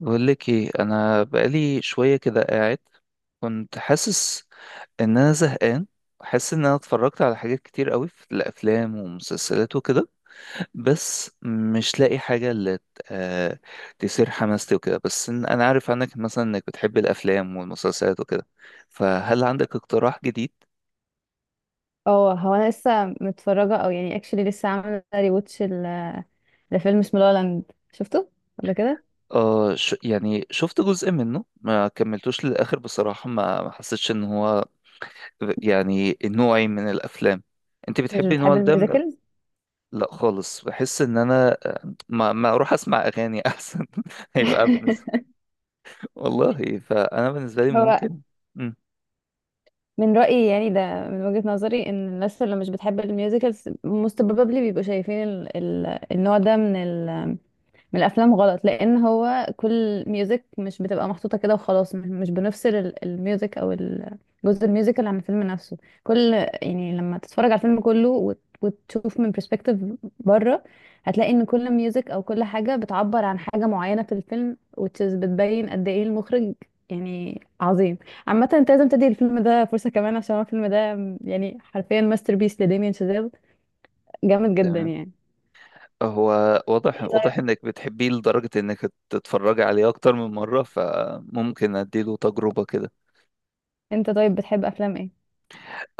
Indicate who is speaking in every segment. Speaker 1: بقول لك ايه؟ انا بقالي شويه كده قاعد، كنت حاسس ان انا زهقان. حاسس ان انا اتفرجت على حاجات كتير قوي في الافلام ومسلسلات وكده، بس مش لاقي حاجه اللي آه، تثير حماستي وكده. بس انا عارف عنك مثلا انك بتحب الافلام والمسلسلات وكده، فهل عندك اقتراح جديد؟
Speaker 2: اه، هو انا لسه متفرجه، او يعني اكشلي لسه عامله ريواتش لفيلم اسمه لا لاند. شفته ولا كده؟
Speaker 1: يعني شفت جزء منه، ما كملتوش للاخر بصراحه. ما حسيتش ان هو يعني نوعي من الافلام. انت
Speaker 2: مش
Speaker 1: بتحبي النوع
Speaker 2: بتحب
Speaker 1: ده من؟
Speaker 2: الميوزيكلز.
Speaker 1: لا خالص، بحس ان انا ما اروح اسمع اغاني احسن هيبقى بالنسبه. والله فانا بالنسبه لي
Speaker 2: هو
Speaker 1: ممكن. مم.
Speaker 2: من رأيي يعني، ده من وجهة نظري، ان الناس اللي مش بتحب الميوزيكلز most probably بيبقوا شايفين ال النوع ده من الافلام غلط، لان هو كل ميوزك مش بتبقى محطوطه كده وخلاص. مش بنفصل الميوزك او جزء الميوزيكال عن الفيلم نفسه. كل يعني لما تتفرج على الفيلم كله وتشوف من برسبكتيف بره، هتلاقي ان كل ميوزك او كل حاجه بتعبر عن حاجه معينه في الفيلم، which is بتبين قد ايه المخرج يعني عظيم. عامه انت لازم تدي الفيلم ده فرصه كمان، عشان هو الفيلم ده يعني حرفيا ماستر بيس لداميان شازيل. جامد جدا
Speaker 1: تمام.
Speaker 2: يعني.
Speaker 1: هو واضح
Speaker 2: ايه
Speaker 1: واضح
Speaker 2: طيب،
Speaker 1: انك بتحبيه لدرجه انك تتفرجي عليه اكتر من مره، فممكن اديله تجربه كده.
Speaker 2: انت طيب بتحب افلام ايه؟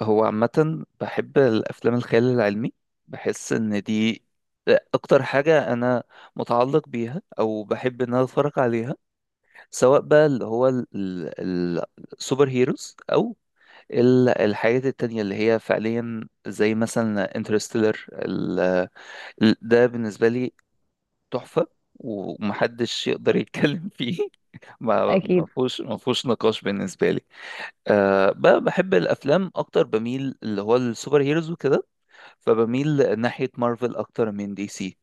Speaker 1: هو عامه بحب الافلام الخيال العلمي، بحس ان دي اكتر حاجه انا متعلق بيها او بحب ان انا اتفرج عليها. سواء بقى اللي هو ال- السوبر هيروز، او الحاجات التانية اللي هي فعليا زي مثلا انترستيلر. ده بالنسبة لي تحفة، ومحدش يقدر يتكلم فيه ما ما
Speaker 2: اكيد.
Speaker 1: فيهوش ما فيهوش نقاش بالنسبة لي. بحب الأفلام أكتر، بميل اللي هو السوبر هيروز وكده، فبميل ناحية مارفل أكتر من دي سي.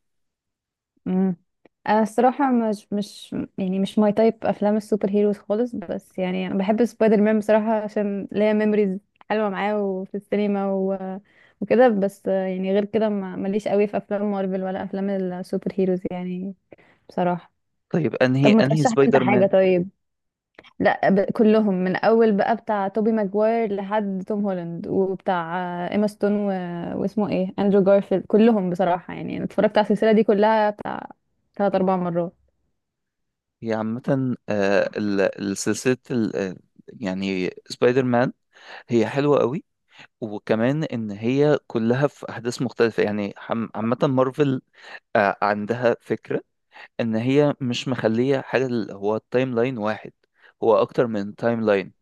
Speaker 2: امم انا الصراحه، مش يعني مش ماي تايب افلام السوبر هيروز خالص، بس يعني انا بحب سبايدر مان بصراحه عشان ليا ميموريز حلوه معاه وفي السينما وكده. بس يعني غير كده ماليش قوي في افلام مارفل ولا افلام السوبر هيروز يعني، بصراحه.
Speaker 1: طيب، أنهي
Speaker 2: طب ما
Speaker 1: أنهي
Speaker 2: ترشح لي انت
Speaker 1: سبايدر
Speaker 2: حاجه
Speaker 1: مان؟
Speaker 2: طيب؟ لا، كلهم من اول بقى بتاع توبي ماجواير لحد توم هولاند وبتاع ايما ستون واسمه ايه اندرو جارفيلد. كلهم بصراحه، يعني انا اتفرجت على السلسله دي كلها بتاع ثلاث اربع مرات.
Speaker 1: هي عامة، السلسلة، يعني سبايدر مان، هي حلوة قوي. وكمان ان هي كلها في احداث مختلفه يعني. عامه، مارفل عندها فكره ان هي مش مخليه حاجه اللي هو التايم لاين واحد، هو اكتر من تايم لاين.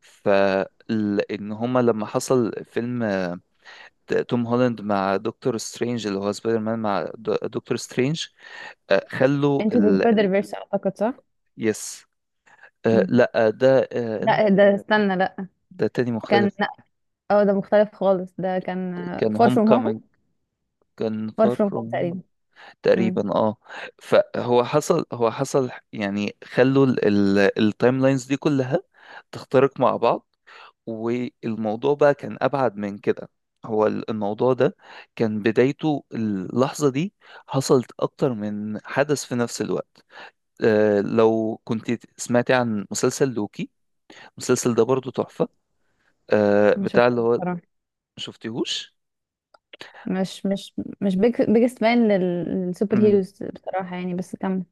Speaker 1: فان هما لما حصل فيلم توم هولاند مع دكتور سترينج، اللي هو سبايدر مان مع دكتور سترينج، خلوا
Speaker 2: انت ذا سبايدر فيرس اعتقد، صح؟
Speaker 1: يس. آه،
Speaker 2: مم.
Speaker 1: لا. آه،
Speaker 2: لا، ده استنى لا.
Speaker 1: ده تاني
Speaker 2: كان
Speaker 1: مختلف.
Speaker 2: لا. اه، ده مختلف خالص، ده كان
Speaker 1: كان
Speaker 2: فار
Speaker 1: هوم
Speaker 2: فروم هوم.
Speaker 1: كومينج. كان
Speaker 2: فار
Speaker 1: فار
Speaker 2: فروم هوم
Speaker 1: فروم
Speaker 2: تقريبا. امم
Speaker 1: تقريبا. اه. فهو حصل، يعني خلوا التايم لاينز دي كلها تخترق مع بعض. والموضوع بقى كان ابعد من كده. هو الموضوع ده كان بدايته اللحظة دي، حصلت اكتر من حدث في نفس الوقت. لو كنت سمعتي عن مسلسل لوكي، المسلسل ده برضو تحفة.
Speaker 2: ما
Speaker 1: بتاع
Speaker 2: شفتش
Speaker 1: اللي هو.
Speaker 2: بصراحه.
Speaker 1: شفتيهوش؟
Speaker 2: مش مش مش بيج بيجست فان للسوبر هيروز بصراحه يعني، بس كمل.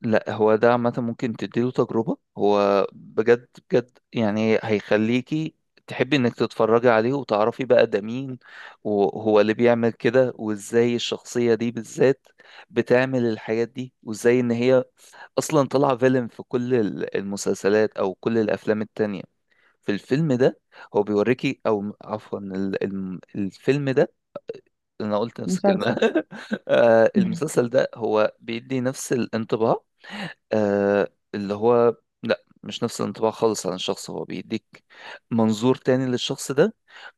Speaker 1: لا هو ده عامة ممكن تديله تجربة، هو بجد بجد يعني هيخليكي تحبي انك تتفرجي عليه وتعرفي بقى ده مين، وهو اللي بيعمل كده وازاي الشخصية دي بالذات بتعمل الحاجات دي، وازاي ان هي اصلا طالعة فيلم في كل المسلسلات او كل الافلام التانية. في الفيلم ده، هو بيوريكي، او عفوا الفيلم ده، انا قلت نفس الكلمة
Speaker 2: مسلسل.
Speaker 1: المسلسل ده هو بيدي نفس الانطباع. آه، اللي هو، لا مش نفس الانطباع خالص عن الشخص، هو بيديك منظور تاني للشخص ده،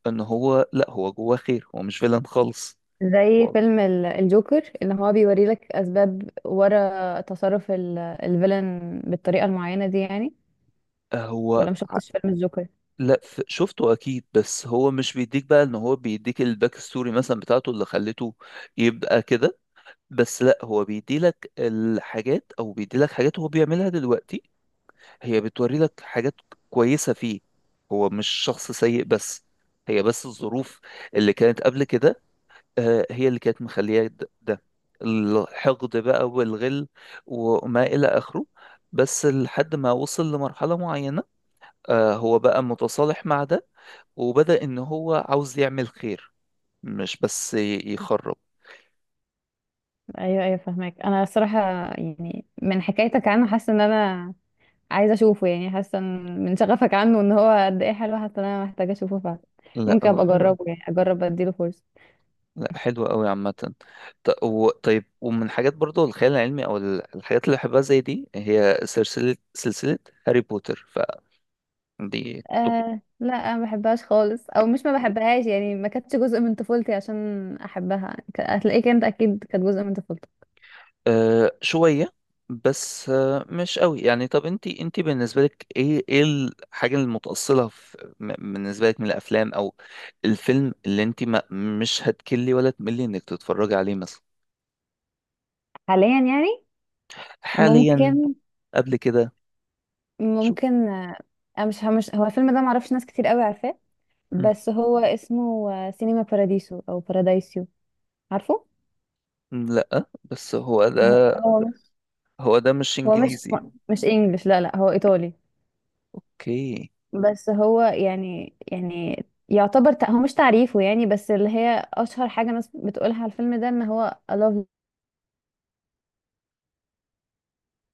Speaker 1: ان هو لا، هو جواه خير، هو مش فيلن خالص.
Speaker 2: زي فيلم الجوكر، اللي هو بيوري لك اسباب ورا تصرف الفيلن بالطريقه المعينه دي يعني.
Speaker 1: آه، هو.
Speaker 2: ولا مشفتش فيلم الجوكر؟
Speaker 1: لا شفته اكيد، بس هو مش بيديك بقى ان هو بيديك الباك ستوري مثلا بتاعته اللي خلته يبقى كده. بس لا، هو بيديلك الحاجات او بيديلك حاجات هو بيعملها دلوقتي، هي بتوري لك حاجات كويسة فيه. هو مش شخص سيء، بس هي بس الظروف اللي كانت قبل كده، هي اللي كانت مخلياه ده الحقد بقى والغل وما إلى آخره. بس لحد ما وصل لمرحلة معينة، هو بقى متصالح مع ده، وبدأ إن هو عاوز يعمل خير، مش بس يخرب.
Speaker 2: ايوه، ايوه، فاهمك. انا الصراحه يعني، من حكايتك عنه حاسه ان انا عايزه اشوفه، يعني حاسه من شغفك عنه ان هو قد ايه حلو، حاسه ان انا محتاجه اشوفه فعلا.
Speaker 1: لا
Speaker 2: ممكن
Speaker 1: هو
Speaker 2: ابقى
Speaker 1: حلو.
Speaker 2: اجربه يعني، اجرب اديله فرصه.
Speaker 1: لا حلو قوي عامة. طيب، ومن حاجات برضو الخيال العلمي أو الحاجات اللي بحبها زي دي، هي سلسلة هاري بوتر، فدي...
Speaker 2: آه لا، انا ما بحبهاش خالص، او مش ما بحبهاش يعني، ما كانتش جزء من طفولتي عشان احبها، هتلاقيك انت اكيد كانت جزء من طفولتك.
Speaker 1: آه، شوية، بس آه مش قوي يعني. طب، انت بالنسبة لك ايه الحاجة المتأصلة بالنسبة لك من الافلام، او الفيلم اللي انت ما مش هتكلي ولا تملي انك تتفرجي عليه مثلا؟
Speaker 2: حاليا يعني؟
Speaker 1: حاليا؟
Speaker 2: ممكن
Speaker 1: قبل كده؟ شوف.
Speaker 2: ممكن. انا مش هو الفيلم ده معرفش ناس كتير قوي عارفاه.
Speaker 1: مم.
Speaker 2: بس هو اسمه سينما باراديسو او بارادايسيو. عارفه؟
Speaker 1: لا، بس هو
Speaker 2: هو
Speaker 1: ده
Speaker 2: هو مش،
Speaker 1: هو ده مش
Speaker 2: هو مش
Speaker 1: انجليزي.
Speaker 2: مش انجلش. لا لا، هو ايطالي.
Speaker 1: اوكي.
Speaker 2: بس هو يعني، يعتبر، هو مش تعريفه يعني، بس اللي هي اشهر حاجه ناس بتقولها على الفيلم ده ان هو I love.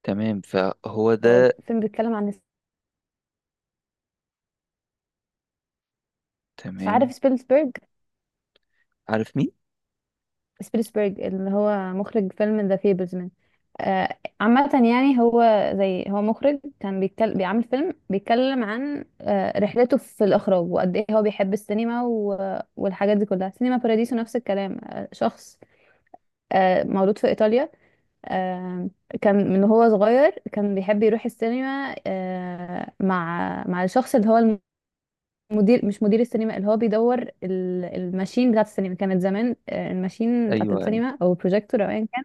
Speaker 1: تمام، فهو
Speaker 2: هو
Speaker 1: ده.
Speaker 2: فيلم بيتكلم عن عارف
Speaker 1: تمام.
Speaker 2: سبيلسبرج؟
Speaker 1: عارف مين؟
Speaker 2: سبيلسبرج اللي هو مخرج فيلم ذا فيبرزمان. آه. عامه يعني هو، زي هو مخرج كان بيتكلم، بيعمل فيلم بيتكلم عن رحلته في الاخراج وقد ايه هو بيحب السينما والحاجات دي كلها. سينما باراديسو نفس الكلام. شخص مولود في ايطاليا. آم، كان من هو صغير كان بيحب يروح السينما، مع الشخص اللي هو المدير، مش مدير السينما اللي هو بيدور الماشين بتاعت السينما، كانت زمان الماشين بتاعت
Speaker 1: ايوه،
Speaker 2: السينما او البروجيكتور او ايا كان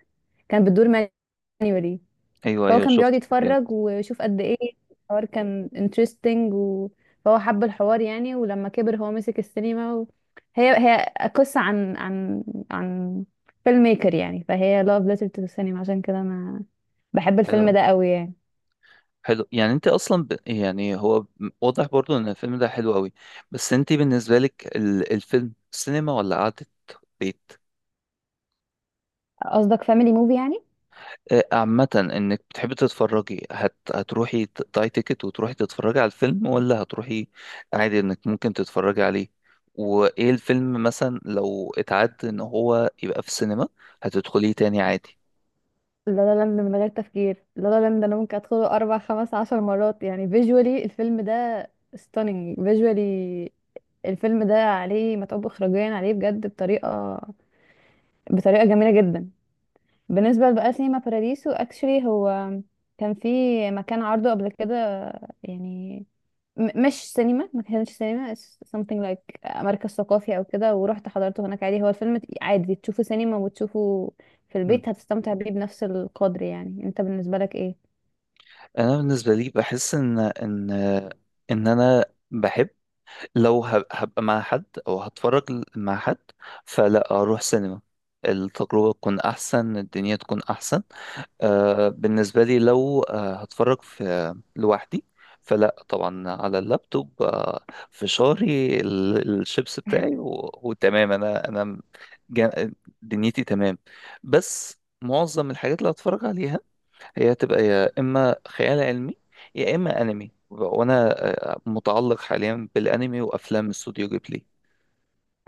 Speaker 2: كان بتدور مانيوالي.
Speaker 1: ايوه،
Speaker 2: فهو
Speaker 1: ايوه،
Speaker 2: كان بيقعد
Speaker 1: شفت الفيديوهات.
Speaker 2: يتفرج ويشوف قد ايه الحوار كان انترستنج، فهو حب الحوار يعني. ولما كبر هو مسك السينما. هي قصة عن عن فيلم ميكر يعني، فهي لاف ليتر تو السينما، عشان كده انا بحب الفيلم ده قوي يعني.
Speaker 1: حلو. يعني انت اصلا يعني هو واضح برضو ان الفيلم ده حلو قوي. بس انت بالنسبه لك الفيلم سينما ولا قعده بيت؟
Speaker 2: قصدك فاميلي موفي يعني؟
Speaker 1: عامه انك بتحبي تتفرجي، هتروحي تقطعي تيكت وتروحي تتفرجي على الفيلم، ولا هتروحي عادي انك ممكن تتفرجي عليه؟ وايه الفيلم مثلا لو اتعد ان هو يبقى في السينما، هتدخليه تاني عادي؟
Speaker 2: لا لا لاند من غير تفكير. لا لا لاند انا ممكن ادخله اربع خمس عشر مرات يعني. فيجوالي الفيلم ده ستانينج فيجوالي. الفيلم ده عليه متعوب اخراجيا عليه بجد، بطريقه جميله جدا. بالنسبه بقى سينما باراديسو اكشلي، هو كان في مكان عرضه قبل كده يعني، مش سينما، ما كانش سينما، it's something like مركز ثقافي او كده. ورحت حضرته هناك عادي. هو الفيلم عادي تشوفه سينما وتشوفه في
Speaker 1: مم.
Speaker 2: البيت هتستمتع بيه بنفس القدر. يعني انت بالنسبة لك ايه؟
Speaker 1: انا بالنسبه لي بحس ان انا بحب، لو هبقى مع حد او هتفرج مع حد، فلا، اروح سينما، التجربة تكون احسن، الدنيا تكون احسن. بالنسبة لي لو هتفرج في لوحدي، فلا طبعا على اللابتوب. فشاري الشيبس بتاعي وتمام، انا جا- دنيتي تمام. بس معظم الحاجات اللي هتفرج عليها هي هتبقى يا اما خيال علمي، يا اما انمي، وانا متعلق حاليا بالانمي وافلام استوديو جيبلي.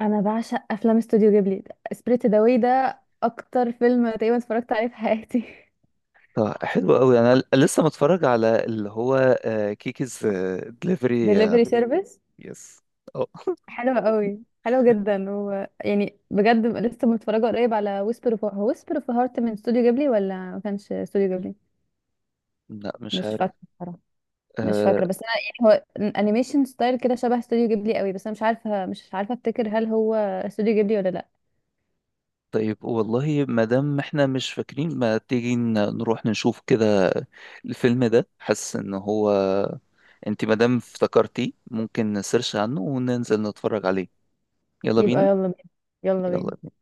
Speaker 2: انا بعشق افلام استوديو جيبلي. سبريت ذا ده اكتر فيلم تقريبا اتفرجت عليه في حياتي.
Speaker 1: طب حلو قوي. انا لسه متفرج على اللي هو كيكيز دليفري.
Speaker 2: دليفري سيرفيس،
Speaker 1: يس. اه.
Speaker 2: حلو قوي، حلو جدا، و يعني بجد لسه متفرجه قريب على ويسبر اوف هارت. من استوديو جيبلي ولا ما كانش استوديو جيبلي؟
Speaker 1: لا، مش
Speaker 2: مش
Speaker 1: عارف.
Speaker 2: فاكره، مش
Speaker 1: آه،
Speaker 2: فاكره، بس انا يعني هو انيميشن ستايل كده شبه استوديو جيبلي قوي، بس انا مش عارفه، مش عارفه افتكر هل هو استوديو جيبلي ولا لا.
Speaker 1: طيب، والله ما دام احنا مش فاكرين، ما تيجي نروح نشوف كده الفيلم ده، حاسس ان هو انت ما دام افتكرتيه ممكن نسيرش عنه وننزل نتفرج عليه. يلا
Speaker 2: يبقى
Speaker 1: بينا.
Speaker 2: يلا بينا. يلا بينا.
Speaker 1: يلا.